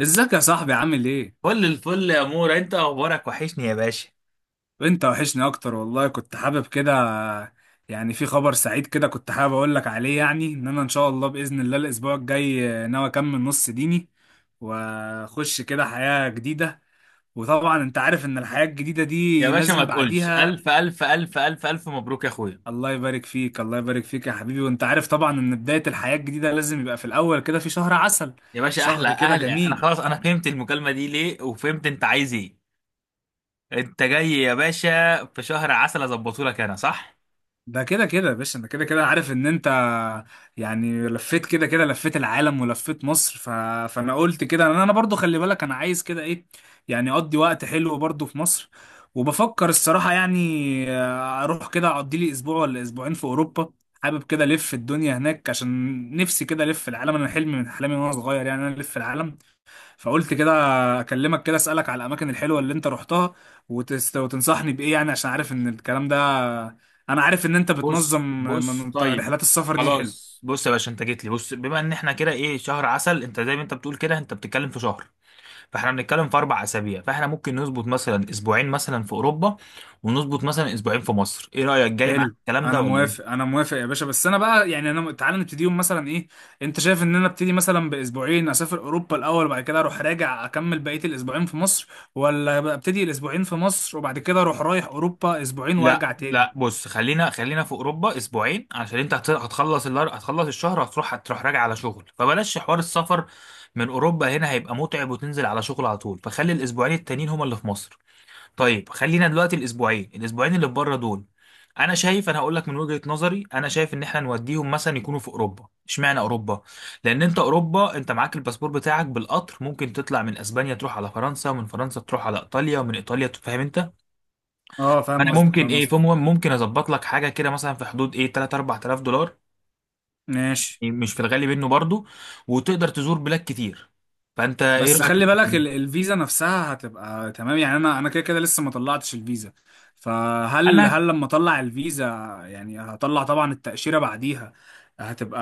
ازيك يا صاحبي عامل ايه؟ فل الفل يا مورا، انت اخبارك وحشني يا باشا. وانت وحشني اكتر والله، كنت حابب كده. يعني في خبر سعيد كده، كنت حابب اقول لك عليه. يعني ان انا ان شاء الله باذن الله الاسبوع الجاي ناوي اكمل نص ديني، واخش كده حياة جديدة. وطبعا انت عارف ان الحياة الجديدة يا دي باشا ما لازم تقولش، بعديها. الف الف الف الف الف مبروك يا اخويا. الله يبارك فيك، الله يبارك فيك يا حبيبي. وانت عارف طبعا ان بداية الحياة الجديدة لازم يبقى في الاول كده في شهر عسل. يا باشا احلى شهر كده اهل، انا جميل. خلاص انا فهمت المكالمه دي ليه وفهمت انت عايز ايه. انت جاي يا باشا في شهر عسل اظبطه لك، انا صح؟ ده كده كده يا باشا، انا كده كده عارف ان انت يعني لفيت كده كده لفيت العالم ولفيت مصر. فانا قلت كده، انا برضو. خلي بالك، انا عايز كده ايه؟ يعني اقضي وقت حلو برضو في مصر. وبفكر الصراحة، يعني اروح كده اقضي لي اسبوع ولا اسبوعين في اوروبا. حابب كده الف الدنيا هناك، عشان نفسي كده الف العالم. انا حلمي من احلامي وانا صغير، يعني انا الف العالم. فقلت كده اكلمك، كده اسالك على الاماكن الحلوه اللي انت رحتها، وتنصحني بايه. يعني عشان عارف ان الكلام ده، انا عارف ان انت بتنظم بص بص، من طيب رحلات السفر دي. حلو، خلاص بص يا باشا انت جيت لي، بص بما ان احنا كده ايه شهر عسل، انت زي ما انت بتقول كده انت بتتكلم في شهر، فاحنا بنتكلم في اربع اسابيع، فاحنا ممكن نظبط مثلا اسبوعين مثلا في اوروبا، ونظبط مثلا اسبوعين في مصر. ايه رايك؟ جاي معاك حلو. الكلام ده انا ولا موافق، ايه؟ انا موافق يا باشا. بس انا بقى يعني، انا تعالى نبتديهم مثلا ايه؟ انت شايف ان انا ابتدي مثلا باسبوعين، اسافر اوروبا الاول، وبعد كده اروح راجع اكمل بقيه الاسبوعين في مصر، ولا بقى ابتدي الاسبوعين في مصر وبعد كده اروح رايح اوروبا اسبوعين لا وارجع تاني؟ لا بص، خلينا خلينا في اوروبا اسبوعين، عشان انت هتخلص هتخلص الشهر، هتروح راجع على شغل، فبلاش حوار السفر من اوروبا هنا هيبقى متعب، وتنزل على شغل على طول، فخلي الاسبوعين التانيين هما اللي في مصر. طيب خلينا دلوقتي الاسبوعين اللي في بره دول، انا شايف، انا هقول لك من وجهة نظري انا شايف ان احنا نوديهم مثلا يكونوا في اوروبا. اشمعنى اوروبا؟ لان انت اوروبا انت معاك الباسبور بتاعك بالقطر، ممكن تطلع من اسبانيا تروح على فرنسا، ومن فرنسا تروح على ايطاليا، ومن ايطاليا فاهم انت. اه، فاهم انا قصدك، ممكن فاهم ايه، قصدك. فمهم ممكن اظبط لك حاجه كده مثلا في حدود ايه 3 4000 دولار، ماشي. يعني مش في الغالي منه برضو، وتقدر تزور بلاد كتير. فانت ايه بس رايك؟ خلي بالك الفيزا نفسها هتبقى تمام. يعني انا كده كده لسه ما طلعتش الفيزا. فهل انا هل لما اطلع الفيزا، يعني هطلع طبعا التأشيرة بعديها، هتبقى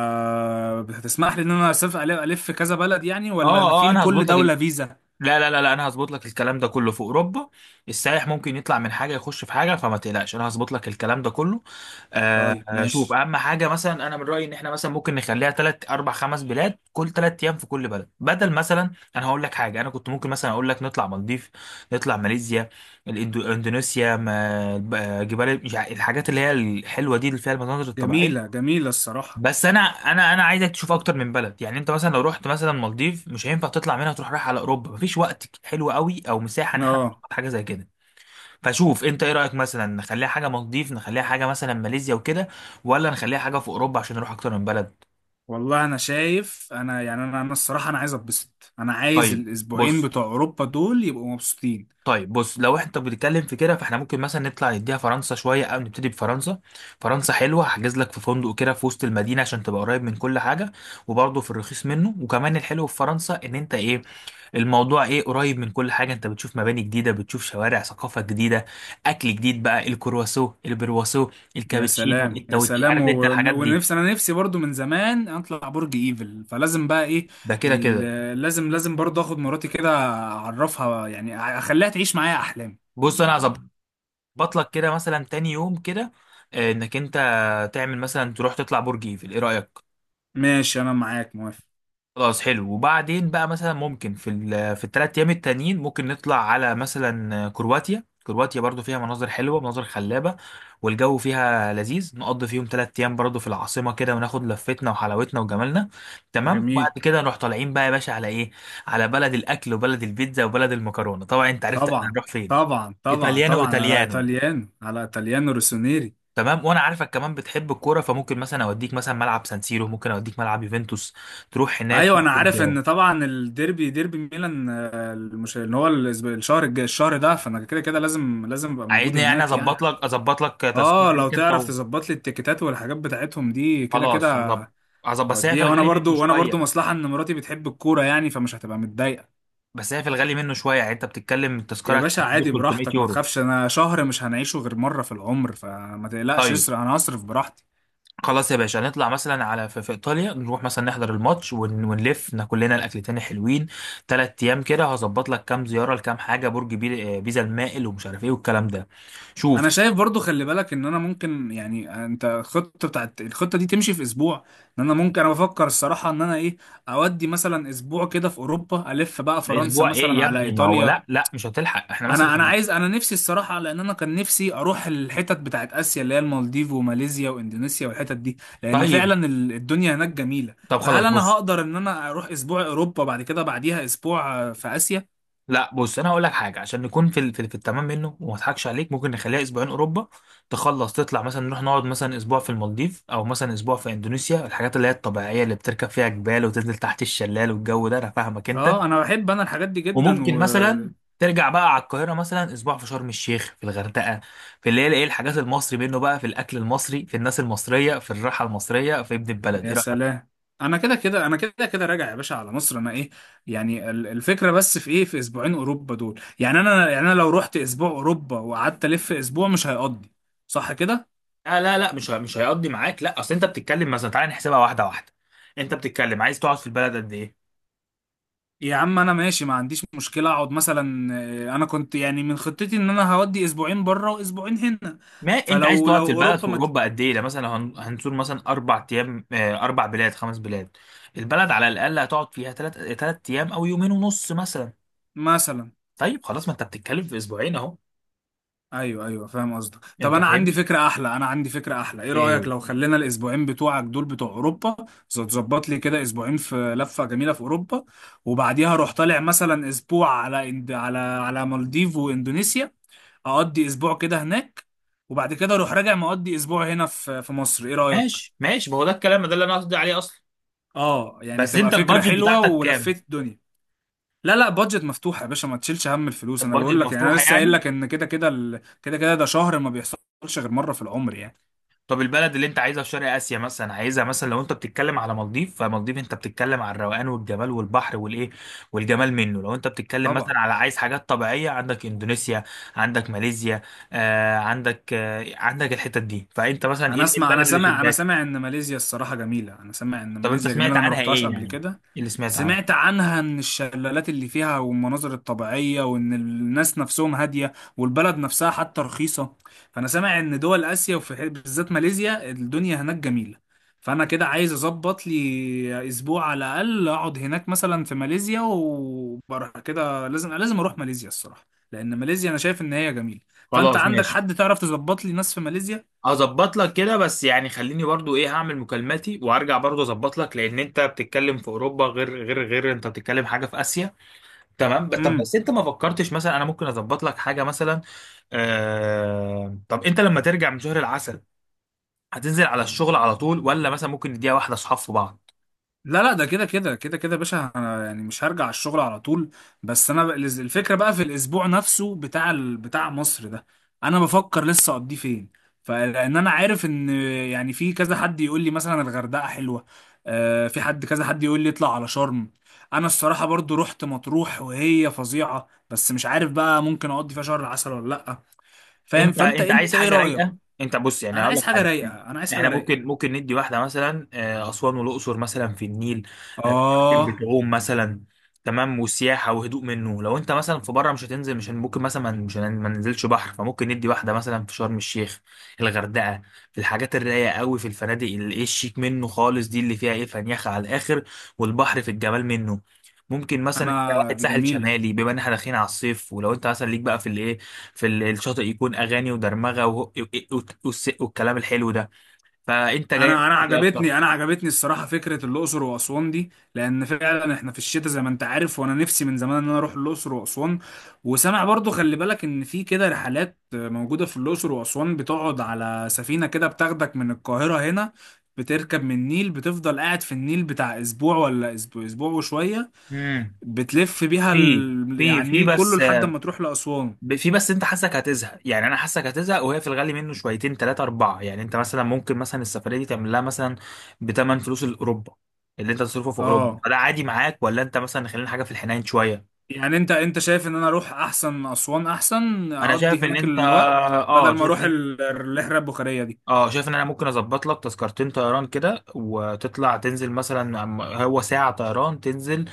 هتسمح لي ان انا اسافر ألف ألف كذا بلد، يعني ولا اه في اه، انا لكل هظبط لك. دولة فيزا؟ لا لا لا لا، انا هظبط لك الكلام ده كله في اوروبا. السائح ممكن يطلع من حاجه يخش في حاجه، فما تقلقش انا هظبط لك الكلام ده كله. طيب شوف ماشي. اهم حاجه، مثلا انا من رايي ان احنا مثلا ممكن نخليها ثلاث اربع خمس بلاد، كل ثلاث ايام في كل بلد بدل مثلا. انا هقول لك حاجه، انا كنت ممكن مثلا اقول لك نطلع مالديف، نطلع ماليزيا، الاندونيسيا جبال، مش الحاجات اللي هي الحلوه دي اللي فيها المناظر جميلة، الطبيعيه. جميلة الصراحة. بس انا عايزك تشوف اكتر من بلد، يعني انت مثلا لو رحت مثلا مالديف، مش هينفع تطلع منها تروح رايح على اوروبا، مفيش وقت حلو قوي او مساحه ان احنا اه. نخطط حاجه زي كده. فشوف انت ايه رايك، مثلا نخليها حاجه مالديف، نخليها حاجه مثلا ماليزيا وكده، ولا نخليها حاجه في اوروبا عشان نروح اكتر من بلد. والله، انا شايف، انا يعني انا الصراحة انا عايز اتبسط. انا عايز طيب الاسبوعين بص بتوع اوروبا دول يبقوا مبسوطين. طيب بص لو احنا بنتكلم في كده، فاحنا ممكن مثلا نطلع نديها فرنسا شويه، او نبتدي بفرنسا. فرنسا حلوه، هحجز لك في فندق كده في وسط المدينه، عشان تبقى قريب من كل حاجه، وبرضه في الرخيص منه. وكمان الحلو في فرنسا ان انت ايه، الموضوع ايه، قريب من كل حاجه، انت بتشوف مباني جديده، بتشوف شوارع، ثقافه جديده، اكل جديد بقى، الكرواسو البرواسو، يا الكابتشينو سلام، يا التوتشي، سلام. عارف انت الحاجات دي. ونفسي، انا نفسي برضو من زمان اطلع برج ايفل، فلازم بقى ايه؟ ده كده كده. لازم، لازم برضو اخد مراتي كده، اعرفها. يعني اخليها تعيش معايا احلامي. بص انا هظبط لك كده مثلا تاني يوم كده، انك انت تعمل مثلا، تروح تطلع برج ايفل. ايه رايك؟ ماشي، انا معاك، موافق. خلاص حلو. وبعدين بقى مثلا ممكن في في الثلاث ايام التانيين ممكن نطلع على مثلا كرواتيا. كرواتيا برضو فيها مناظر حلوه، مناظر خلابه، والجو فيها لذيذ، نقضي فيهم ثلاث ايام برضو في العاصمه كده، وناخد لفتنا وحلاوتنا وجمالنا. تمام؟ وبعد جميل. كده نروح طالعين بقى يا باشا على ايه، على بلد الاكل وبلد البيتزا وبلد المكرونه. طبعا انت عرفت احنا طبعا، هنروح فين، طبعا، طبعا، ايطاليانو طبعا على ايطاليانو. ايطاليانو، على ايطاليانو روسونيري. تمام. وانا عارفك كمان بتحب الكوره، فممكن مثلا اوديك مثلا ملعب سانسيرو، ممكن اوديك ملعب يوفنتوس، تروح هناك ايوه، انا عارف تاخد. ان طبعا الديربي، ديربي ميلان، ان هو الشهر الجاي الشهر ده. فانا كده كده لازم، لازم ابقى موجود عايزني يعني هناك يعني. اظبط لك تذكره اه، لو ليك انت تعرف تظبط لي التيكيتات والحاجات بتاعتهم دي كده خلاص كده هظبط بس هي في هوديها. وانا الغالي منه برضو وانا برضو شويه. مصلحة ان مراتي بتحب الكورة، يعني فمش هتبقى متضايقة. بس هي في الغالي منه شويه يعني، انت بتتكلم التذكره يا باشا، هتبقى حدود عادي 300 براحتك، ما يورو. تخافش. انا شهر مش هنعيشه غير مرة في العمر، فما تقلقش. ايوه. اسرق، انا هصرف براحتي. خلاص يا باشا نطلع مثلا على في ايطاليا، نروح مثلا نحضر الماتش، ونلف ناكل لنا الاكلتين حلوين، ثلاث ايام كده هظبط لك كام زياره لكام حاجه، برج بيزا المائل، ومش عارف ايه والكلام ده. شوف، انا شايف برضو، خلي بالك ان انا ممكن، يعني انت، الخطة دي تمشي في اسبوع. ان انا ممكن، انا بفكر الصراحة ان انا ايه اودي مثلا اسبوع كده في اوروبا، الف بقى فرنسا اسبوع ايه مثلا يا على ابني؟ ما هو ايطاليا. لا لا مش هتلحق، احنا مثلا. انا عايز، انا نفسي الصراحه لان انا كان نفسي اروح الحتت بتاعت اسيا، اللي هي المالديف وماليزيا واندونيسيا والحتت دي. لان طيب فعلا الدنيا هناك جميله. طب خلاص فهل انا بص، هقدر ان انا اروح اسبوع اوروبا، بعد كده بعديها اسبوع في اسيا؟ لا بص انا هقول لك حاجه، عشان نكون في في التمام منه، وما اضحكش عليك، ممكن نخليها اسبوعين اوروبا، تخلص تطلع مثلا نروح نقعد مثلا اسبوع في المالديف، او مثلا اسبوع في اندونيسيا، الحاجات اللي هي الطبيعيه اللي بتركب فيها جبال، وتنزل تحت الشلال، والجو ده انا فاهمك انت. اه، انا بحب، انا الحاجات دي جدا وممكن و... مثلا ترجع بقى على القاهره مثلا اسبوع في شرم الشيخ، في الغردقه، في اللي هي ايه الحاجات المصري منه بقى، في الاكل المصري، في الناس المصريه، في الراحه المصريه، في ابن البلد. ايه يا رايك؟ سلام. انا كده كده، انا كده كده راجع يا باشا على مصر. انا ايه؟ يعني الفكره بس في ايه؟ في اسبوعين اوروبا دول، يعني انا، يعني انا لو رحت اسبوع اوروبا وقعدت الف اسبوع مش هيقضي، صح كده؟ لا لا لا، مش هيقضي معاك، لا اصل انت بتتكلم، مثلا تعالى نحسبها واحده واحده. انت بتتكلم عايز تقعد في البلد قد ايه؟ يا عم انا ماشي، ما عنديش مشكله اقعد مثلا. انا كنت يعني من خطتي ان انا هودي اسبوعين بره واسبوعين هنا. ما انت عايز فلو تقعد لو في البلد في اوروبا اوروبا قد ايه، ده مثلا لو هنزور مثلا اربع ايام، اربع بلاد خمس بلاد، البلد على الاقل هتقعد فيها ثلاث ايام، او يومين ونص مثلا. مثلا. طيب خلاص، ما انت بتتكلم في اسبوعين اهو. ايوه، ايوه، فاهم قصدك. طب انت انا عندي فاهمني؟ فكره احلى، انا عندي فكره احلى. ايه رايك ايه؟ لو خلينا الاسبوعين بتوعك دول بتوع اوروبا، تظبط لي كده اسبوعين في لفه جميله في اوروبا. وبعديها اروح طالع مثلا اسبوع على على مالديف واندونيسيا، اقضي اسبوع كده هناك. وبعد كده اروح راجع مقضي اسبوع هنا في مصر. ايه رايك؟ ماشي ماشي، ما هو ده الكلام ده اللي انا قصدي عليه اصلا. اه، يعني بس تبقى انت فكرة البادجت حلوة بتاعتك كام؟ ولفيت الدنيا. لا، لا، بادجت مفتوحة يا باشا. ما تشيلش هم الفلوس، انا البادجت بقول لك. يعني انا مفتوحه لسه قايل يعني؟ لك ان كده كده، كده كده ده شهر ما بيحصلش غير مرة في العمر يعني. طب البلد اللي انت عايزها في شرق اسيا مثلا عايزها مثلا، لو انت بتتكلم على مالديف، فمالديف انت بتتكلم على الروقان والجمال والبحر والايه والجمال منه. لو انت بتتكلم مثلا طبعا. على عايز حاجات طبيعيه، عندك اندونيسيا، عندك ماليزيا، عندك الحتت دي. فانت مثلا ايه ايه البلد انا اللي سامع انا شداك؟ سامع ان ماليزيا الصراحه جميله. انا سامع ان طب انت ماليزيا جميله، سمعت انا ما عنها روحتهاش ايه قبل يعني؟ كده. ايه اللي سمعت عنه؟ سمعت عنها ان الشلالات اللي فيها والمناظر الطبيعيه، وان الناس نفسهم هاديه، والبلد نفسها حتى رخيصه. فانا سامع ان دول اسيا، وفي بالذات ماليزيا الدنيا هناك جميله. فانا كده عايز اظبط لي اسبوع على الاقل، اقعد هناك مثلا في ماليزيا. وبره كده لازم، لازم اروح ماليزيا الصراحه، لان ماليزيا انا شايف ان هي جميله. فانت خلاص عندك ماشي، حد تعرف تظبط لي ناس في ماليزيا؟ هظبط لك كده، بس يعني خليني برضو ايه هعمل مكالماتي، وارجع برضو اظبط لك، لان انت بتتكلم في اوروبا غير، غير انت بتتكلم حاجه في اسيا. تمام، طب بس انت ما فكرتش مثلا انا ممكن اظبط لك حاجه مثلا، طب انت لما ترجع من شهر العسل، هتنزل على الشغل على طول، ولا مثلا ممكن نديها واحده اصحاب في بعض؟ لا، لا، ده كده كده، كده كده يا باشا. انا يعني مش هرجع الشغل على طول. بس انا الفكره بقى في الاسبوع نفسه بتاع بتاع مصر ده، انا بفكر لسه اقضيه فين. فلان انا عارف ان يعني في كذا حد يقول لي مثلا الغردقه حلوه. آه، في حد، كذا حد يقول لي اطلع على شرم. انا الصراحه برضو رحت مطروح وهي فظيعه، بس مش عارف بقى ممكن اقضي فيها شهر عسل ولا لا. فاهم؟ انت فانت انت عايز انت ايه حاجه رايك؟ رايقه، انت بص يعني انا هقول عايز لك حاجه حاجه، رايقه، انا عايز حاجه احنا رايقه. ممكن، ندي واحده مثلا اسوان والاقصر مثلا في النيل. آه، اه. بتعوم مثلا. تمام، وسياحه وهدوء منه. لو انت مثلا في بره، مش هتنزل، مش هن- ممكن مثلا، ما- مش هن- ما ننزلش بحر، فممكن ندي واحده مثلا في شرم الشيخ، الغردقه، في الحاجات الرايقه قوي، في الفنادق اللي ايه الشيك منه خالص، دي اللي فيها ايه فنيخه على الاخر، والبحر في الجمال منه. ممكن مثلا انت انا واحد دي ساحل جميله. شمالي، بما ان احنا داخلين على الصيف، ولو انت مثلا ليك بقى في الايه، في الشاطئ يكون اغاني ودرمغه والكلام الحلو ده. فانت جاي، انا انا دي اكتر. عجبتني انا عجبتني الصراحه فكره الاقصر واسوان دي، لان فعلا احنا في الشتاء زي ما انت عارف. وانا نفسي من زمان ان انا اروح الاقصر واسوان. وسامع برضو، خلي بالك ان في كده رحلات موجوده في الاقصر واسوان بتقعد على سفينه كده، بتاخدك من القاهره هنا، بتركب من النيل، بتفضل قاعد في النيل بتاع اسبوع ولا اسبوع، اسبوع وشويه، امم. بتلف بيها في في يعني في النيل كله بس، لحد ما تروح لاسوان. في بس انت حاسك هتزهق، يعني انا حاسك هتزهق، وهي في الغالي منه شويتين ثلاثه اربعه، يعني انت مثلا ممكن مثلا السفريه دي تعمل لها مثلا بثمن فلوس الاوروبا اللي انت تصرفه في اوروبا، اه، فده عادي معاك، ولا انت مثلا خلينا حاجه في الحنين شويه؟ يعني انت شايف ان انا اروح احسن اسوان، احسن انا اقضي شايف ان هناك انت، الوقت بدل اه ما شايف اروح ان، الرحله البخاريه دي. اه شايف ان انا ممكن اظبط لك تذكرتين طيران كده، وتطلع تنزل مثلا، هو ساعة طيران تنزل،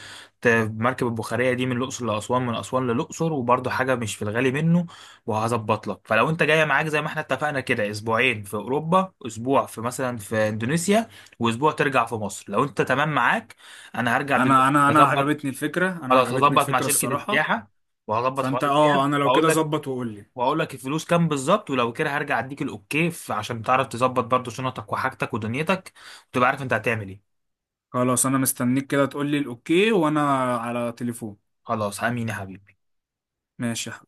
ت- مركب البخارية دي من الأقصر لأسوان، من أسوان للأقصر، وبرضه حاجة مش في الغالي منه، وهظبط لك. فلو انت جاية معاك زي ما احنا اتفقنا كده، اسبوعين في أوروبا، اسبوع في مثلا في اندونيسيا، واسبوع ترجع في مصر. لو انت تمام معاك، انا هرجع انا دلوقتي انا انا هظبط. عجبتني الفكره، انا خلاص، عجبتني هظبط مع الفكره شركة الصراحه. السياحة، وهظبط حوار فانت، اه، الجهاز، انا لو وهقول كده لك، ظبط وقول لي. واقول لك الفلوس كام بالظبط، ولو كده هرجع اديك الاوكي، عشان تعرف تظبط برضو شنطك وحاجتك ودنيتك، وتبقى عارف انت هتعمل ايه. خلاص، انا مستنيك كده تقول لي الاوكي، وانا على تليفون. خلاص، امين يا حبيبي. ماشي يا